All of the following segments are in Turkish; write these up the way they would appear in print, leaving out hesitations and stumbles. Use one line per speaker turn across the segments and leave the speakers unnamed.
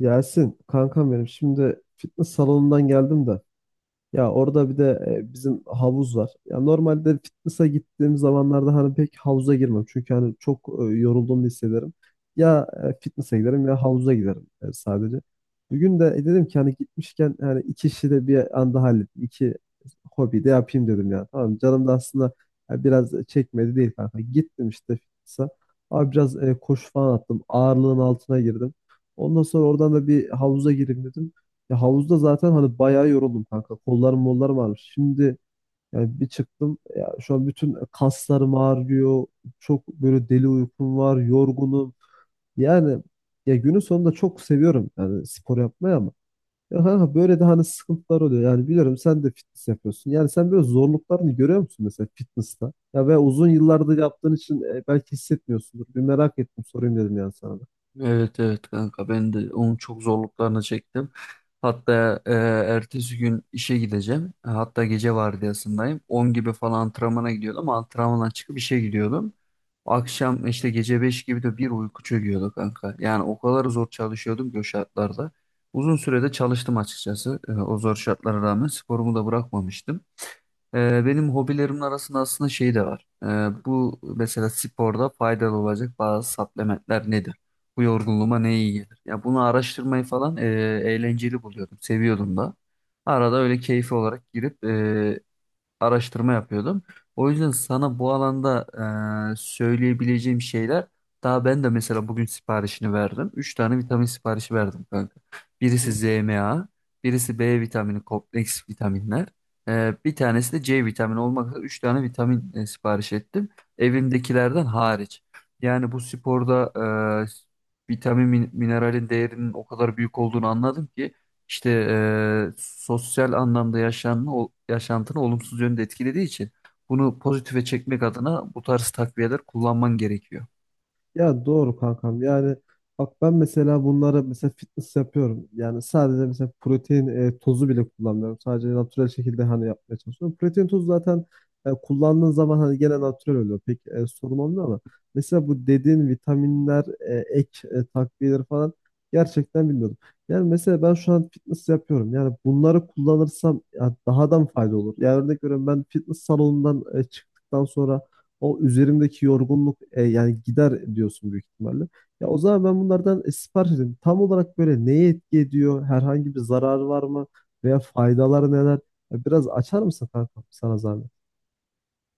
Yasin kankam benim şimdi fitness salonundan geldim de. Ya orada bir de bizim havuz var. Ya normalde fitness'a gittiğim zamanlarda hani pek havuza girmem. Çünkü hani çok yorulduğumu hissederim. Ya fitness'a giderim ya havuza giderim sadece. Bugün de dedim ki hani gitmişken hani iki işi de bir anda hallettim. İki hobi de yapayım dedim ya. Tamam canım da aslında ya biraz çekmedi değil kanka. Gittim işte fitness'a. Abi biraz koşu falan attım. Ağırlığın altına girdim. Ondan sonra oradan da bir havuza gireyim dedim. Ya havuzda zaten hani bayağı yoruldum kanka. Kollarım mollarım ağrımış. Şimdi yani bir çıktım. Ya şu an bütün kaslarım ağrıyor. Çok böyle deli uykum var. Yorgunum. Yani ya günün sonunda çok seviyorum yani spor yapmayı ama. Ya kanka böyle de hani sıkıntılar oluyor. Yani biliyorum sen de fitness yapıyorsun. Yani sen böyle zorluklarını görüyor musun mesela fitness'ta? Ya ve uzun yıllardır yaptığın için belki hissetmiyorsundur. Bir merak ettim sorayım dedim yani sana da.
Evet evet kanka ben de onun çok zorluklarını çektim. Hatta ertesi gün işe gideceğim. Hatta gece vardiyasındayım. 10 gibi falan antrenmana gidiyordum ama antrenmandan çıkıp işe gidiyordum. Akşam işte gece 5 gibi de bir uyku çöküyordu kanka. Yani o kadar zor çalışıyordum ki o şartlarda. Uzun sürede çalıştım açıkçası. O zor şartlara rağmen sporumu da bırakmamıştım. Benim hobilerimin arasında aslında şey de var. Bu mesela sporda faydalı olacak bazı supplementler nedir? Bu yorgunluğuma ne iyi gelir? Ya bunu araştırmayı falan eğlenceli buluyordum, seviyordum da. Arada öyle keyfi olarak girip araştırma yapıyordum. O yüzden sana bu alanda söyleyebileceğim şeyler daha ben de mesela bugün siparişini verdim. 3 tane vitamin siparişi verdim kanka.
Hı
Birisi
hı.
ZMA, birisi B vitamini kompleks vitaminler. Bir tanesi de C vitamini olmak üzere 3 tane vitamin sipariş ettim. Evimdekilerden hariç. Yani bu sporda vitamin mineralin değerinin o kadar büyük olduğunu anladım ki işte sosyal anlamda yaşamını, yaşantını olumsuz yönde etkilediği için bunu pozitife çekmek adına bu tarz takviyeler kullanman gerekiyor.
Ya doğru kankam. Yani bak ben mesela bunları mesela fitness yapıyorum. Yani sadece mesela protein tozu bile kullanmıyorum. Sadece natürel şekilde hani yapmaya çalışıyorum. Protein tozu zaten kullandığın zaman hani gene natürel oluyor. Pek sorun olmuyor ama mesela bu dediğin vitaminler, ek takviyeleri falan gerçekten bilmiyordum. Yani mesela ben şu an fitness yapıyorum. Yani bunları kullanırsam ya daha da mı fayda olur? Yani örnek veriyorum ben fitness salonundan çıktıktan sonra o üzerimdeki yorgunluk yani gider diyorsun büyük ihtimalle. Ya o zaman ben bunlardan sipariş edeyim. Tam olarak böyle neye etki ediyor? Herhangi bir zararı var mı? Veya faydaları neler? Ya biraz açar mısın kanka sana zahmet?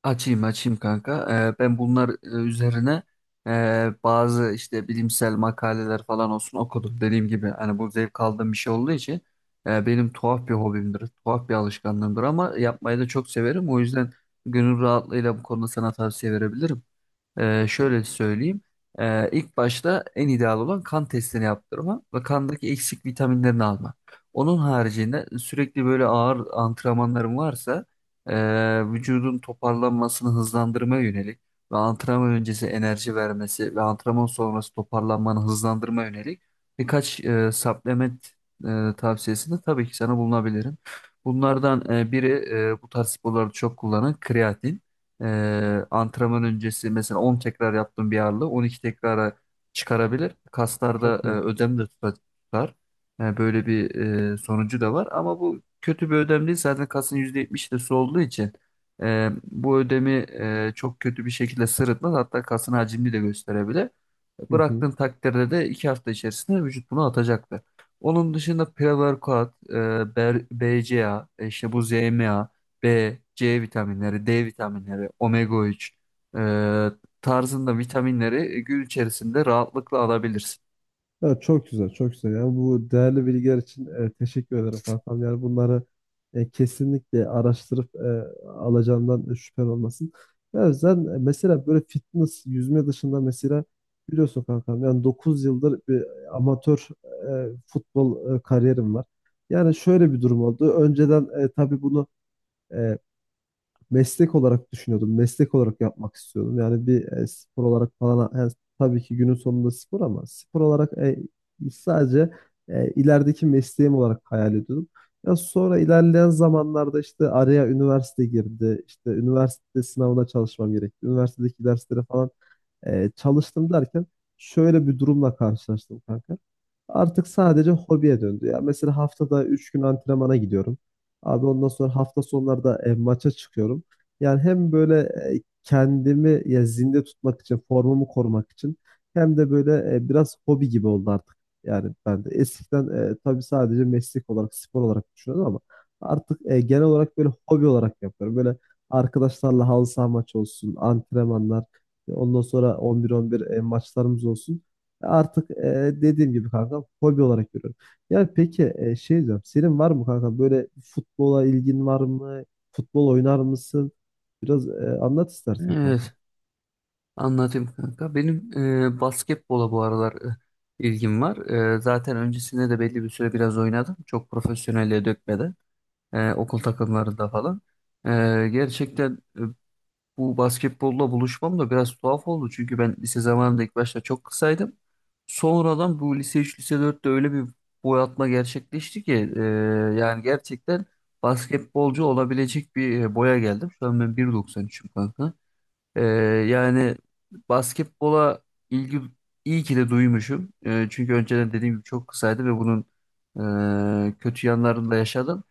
Açayım açayım kanka. Ben bunlar üzerine bazı işte bilimsel makaleler falan olsun okudum. Dediğim gibi hani bu zevk aldığım bir şey olduğu için benim tuhaf bir hobimdir, tuhaf bir alışkanlığımdır ama yapmayı da çok severim. O yüzden gönül rahatlığıyla bu konuda sana tavsiye verebilirim.
Ha,
Şöyle söyleyeyim. İlk başta en ideal olan kan testini yaptırma ve kandaki eksik vitaminlerini alma. Onun haricinde sürekli böyle ağır antrenmanların varsa vücudun toparlanmasını hızlandırmaya yönelik ve antrenman öncesi enerji vermesi ve antrenman sonrası toparlanmanı hızlandırmaya yönelik birkaç supplement tavsiyesinde tabii ki sana bulunabilirim. Bunlardan biri bu tarz sporlarda çok kullanılan kreatin. Antrenman öncesi mesela 10 tekrar yaptığım bir ağırlığı 12 tekrara çıkarabilir. Kaslarda
çok iyi.
ödem de tutar. Yani böyle bir sonucu da var. Ama bu kötü bir ödem değil. Zaten kasın %70'i de su olduğu için bu ödemi çok kötü bir şekilde sırıtmaz. Hatta kasın hacmini de gösterebilir.
Hı hı.
Bıraktığın takdirde de 2 hafta içerisinde vücut bunu atacaktır. Onun dışında pre-workout, BCA, işte bu ZMA B, C vitaminleri, D vitaminleri, omega 3 e, tarzında vitaminleri gün içerisinde rahatlıkla alabilirsin.
Ya çok güzel, çok güzel. Yani bu değerli bilgiler için teşekkür ederim kankam. Yani bunları kesinlikle araştırıp alacağımdan şüphen olmasın. Ya sen mesela böyle fitness, yüzme dışında mesela biliyorsun kankam yani 9 yıldır bir amatör futbol kariyerim var. Yani şöyle bir durum oldu. Önceden tabii bunu e, meslek olarak düşünüyordum. Meslek olarak yapmak istiyordum. Yani bir spor olarak falan yani tabii ki günün sonunda spor ama spor olarak sadece ilerideki mesleğim olarak hayal ediyordum. Ya sonra ilerleyen zamanlarda işte araya üniversite girdi. İşte üniversite sınavına çalışmam gerekti. Üniversitedeki derslere falan çalıştım derken şöyle bir durumla karşılaştım kanka. Artık sadece hobiye döndü ya. Mesela haftada 3 gün antrenmana gidiyorum. Abi ondan sonra hafta sonları da maça çıkıyorum. Yani hem böyle kendimi ya zinde tutmak için, formumu korumak için hem de böyle biraz hobi gibi oldu artık. Yani ben de eskiden tabii sadece meslek olarak, spor olarak düşünüyordum ama artık genel olarak böyle hobi olarak yapıyorum. Böyle arkadaşlarla halı saha maçı olsun, antrenmanlar, ondan sonra 11-11 maçlarımız olsun. Artık dediğim gibi kanka hobi olarak görüyorum. Ya peki şey diyorum. Senin var mı kanka böyle futbola ilgin var mı? Futbol oynar mısın? Biraz anlat istersen kanka.
Evet, anlatayım kanka. Benim basketbola bu aralar ilgim var. Zaten öncesinde de belli bir süre biraz oynadım. Çok profesyonelliğe dökmeden. Okul takımlarında falan. E, Gerçekten bu basketbolla buluşmam da biraz tuhaf oldu. Çünkü ben lise zamanında ilk başta çok kısaydım. Sonradan bu lise 3 lise dörtte öyle bir boy atma gerçekleşti ki yani gerçekten basketbolcu olabilecek bir boya geldim. Şu an ben 1.93'üm kanka. E, Yani basketbola ilgi iyi ki de duymuşum. Çünkü önceden dediğim gibi çok kısaydı ve bunun kötü yanlarını da yaşadım.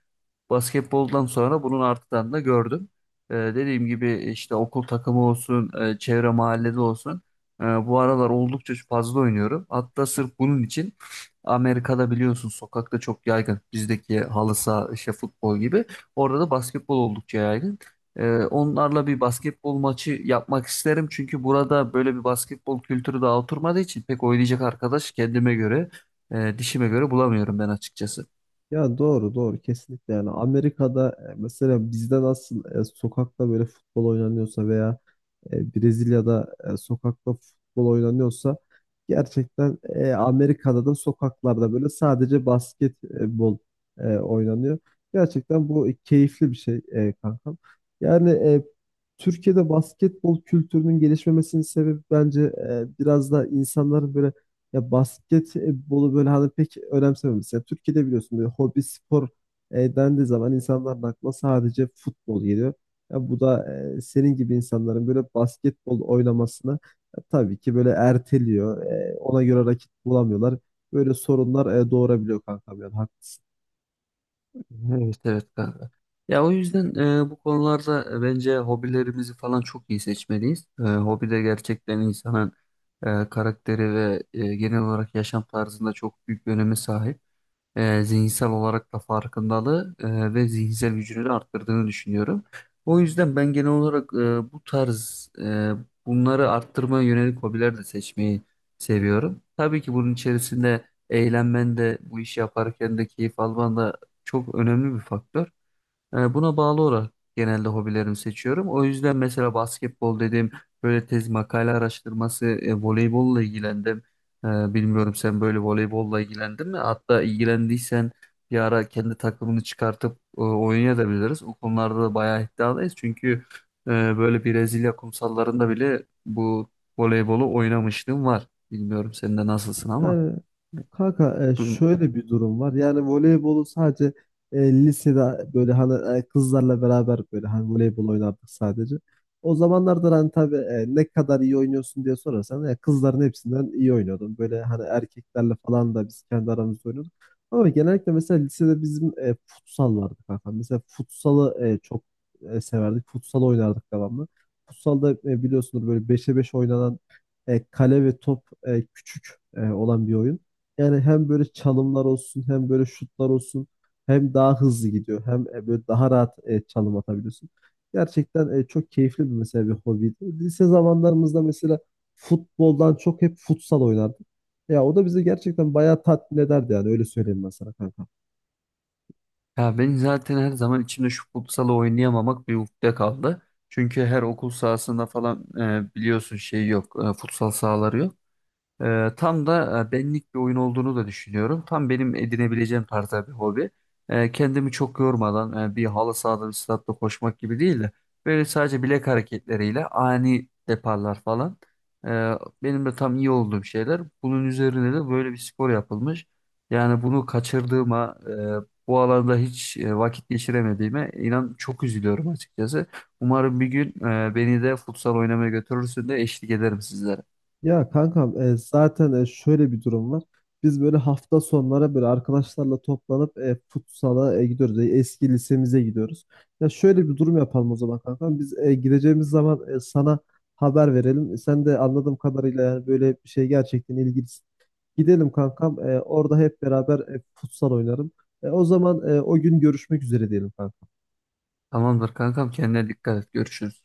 Basketboldan sonra bunun artıdan da gördüm. Dediğim gibi işte okul takımı olsun, çevre mahallede olsun. Bu aralar oldukça fazla oynuyorum. Hatta sırf bunun için Amerika'da biliyorsun sokakta çok yaygın. Bizdeki halı saha, işte futbol gibi. Orada da basketbol oldukça yaygın. Onlarla bir basketbol maçı yapmak isterim. Çünkü burada böyle bir basketbol kültürü daha oturmadığı için pek oynayacak arkadaş kendime göre, dişime göre bulamıyorum ben açıkçası.
Ya doğru doğru kesinlikle yani Amerika'da mesela bizde nasıl sokakta böyle futbol oynanıyorsa veya Brezilya'da sokakta futbol oynanıyorsa gerçekten Amerika'da da sokaklarda böyle sadece basketbol oynanıyor. Gerçekten bu keyifli bir şey kankam. Yani Türkiye'de basketbol kültürünün gelişmemesinin sebebi bence biraz da insanların böyle ya basketbolu böyle hani pek önemsememesi. Yani Türkiye'de biliyorsun böyle hobi spor dendiği zaman insanların aklına sadece futbol geliyor. Ya bu da senin gibi insanların böyle basketbol oynamasını tabii ki böyle erteliyor. E, ona göre rakip bulamıyorlar. Böyle sorunlar doğurabiliyor kankam yani haklısın.
Evet evet kanka. Ya o yüzden bu konularda bence hobilerimizi falan çok iyi seçmeliyiz. Hobi de gerçekten insanın karakteri ve genel olarak yaşam tarzında çok büyük bir öneme sahip, zihinsel olarak da farkındalığı ve zihinsel gücünü de arttırdığını düşünüyorum. O yüzden ben genel olarak bu tarz bunları arttırmaya yönelik hobiler de seçmeyi seviyorum. Tabii ki bunun içerisinde eğlenmen de bu işi yaparken de keyif alman da çok önemli bir faktör. Buna bağlı olarak genelde hobilerimi seçiyorum. O yüzden mesela basketbol dedim, böyle tez makale araştırması, voleybolla ilgilendim. E, Bilmiyorum sen böyle voleybolla ilgilendin mi? Hatta ilgilendiysen bir ara kendi takımını çıkartıp oynayabiliriz. O konularda da bayağı iddialıyız. Çünkü e, böyle Brezilya kumsallarında bile bu voleybolu oynamışlığım var. Bilmiyorum sen de nasılsın ama.
Yani kanka şöyle bir durum var. Yani voleybolu sadece lisede böyle hani kızlarla beraber böyle hani voleybol oynardık sadece. O zamanlarda hani tabii ne kadar iyi oynuyorsun diye sorarsan kızların hepsinden iyi oynuyordum. Böyle hani erkeklerle falan da biz kendi aramızda oynuyorduk. Ama genellikle mesela lisede bizim futsal vardı kanka. Mesela futsalı çok severdik. Futsal oynardık devamlı. Futsalda biliyorsunuz böyle 5'e 5 oynanan kale ve top küçük olan bir oyun. Yani hem böyle çalımlar olsun hem böyle şutlar olsun hem daha hızlı gidiyor hem böyle daha rahat çalım atabiliyorsun. Gerçekten çok keyifli bir mesela bir hobiydi. Lise zamanlarımızda mesela futboldan çok hep futsal oynardık. Ya o da bizi gerçekten bayağı tatmin ederdi yani öyle söyleyeyim ben sana kanka.
Ya ben zaten her zaman içimde şu futsalı oynayamamak bir ukde kaldı. Çünkü her okul sahasında falan biliyorsun şey yok, futsal sahaları yok. Tam da benlik bir oyun olduğunu da düşünüyorum. Tam benim edinebileceğim tarzda bir hobi. Kendimi çok yormadan bir halı sahada bir statta koşmak gibi değil de böyle sadece bilek hareketleriyle ani deparlar falan. Ee, Benim de tam iyi olduğum şeyler. Bunun üzerine de böyle bir spor yapılmış. Yani bunu kaçırdığıma, bu alanda hiç vakit geçiremediğime inan çok üzülüyorum açıkçası. Umarım bir gün beni de futsal oynamaya götürürsün de eşlik ederim sizlere.
Ya kankam zaten şöyle bir durum var. Biz böyle hafta sonlara böyle arkadaşlarla toplanıp futsala gidiyoruz. E, eski lisemize gidiyoruz. Ya şöyle bir durum yapalım o zaman kankam. Biz gideceğimiz zaman sana haber verelim. E, sen de anladığım kadarıyla yani böyle bir şey gerçekten ilgilisin. Gidelim kankam. E, orada hep beraber futsal oynarım. E, o zaman o gün görüşmek üzere diyelim kankam.
Tamamdır kankam, kendine dikkat et. Görüşürüz.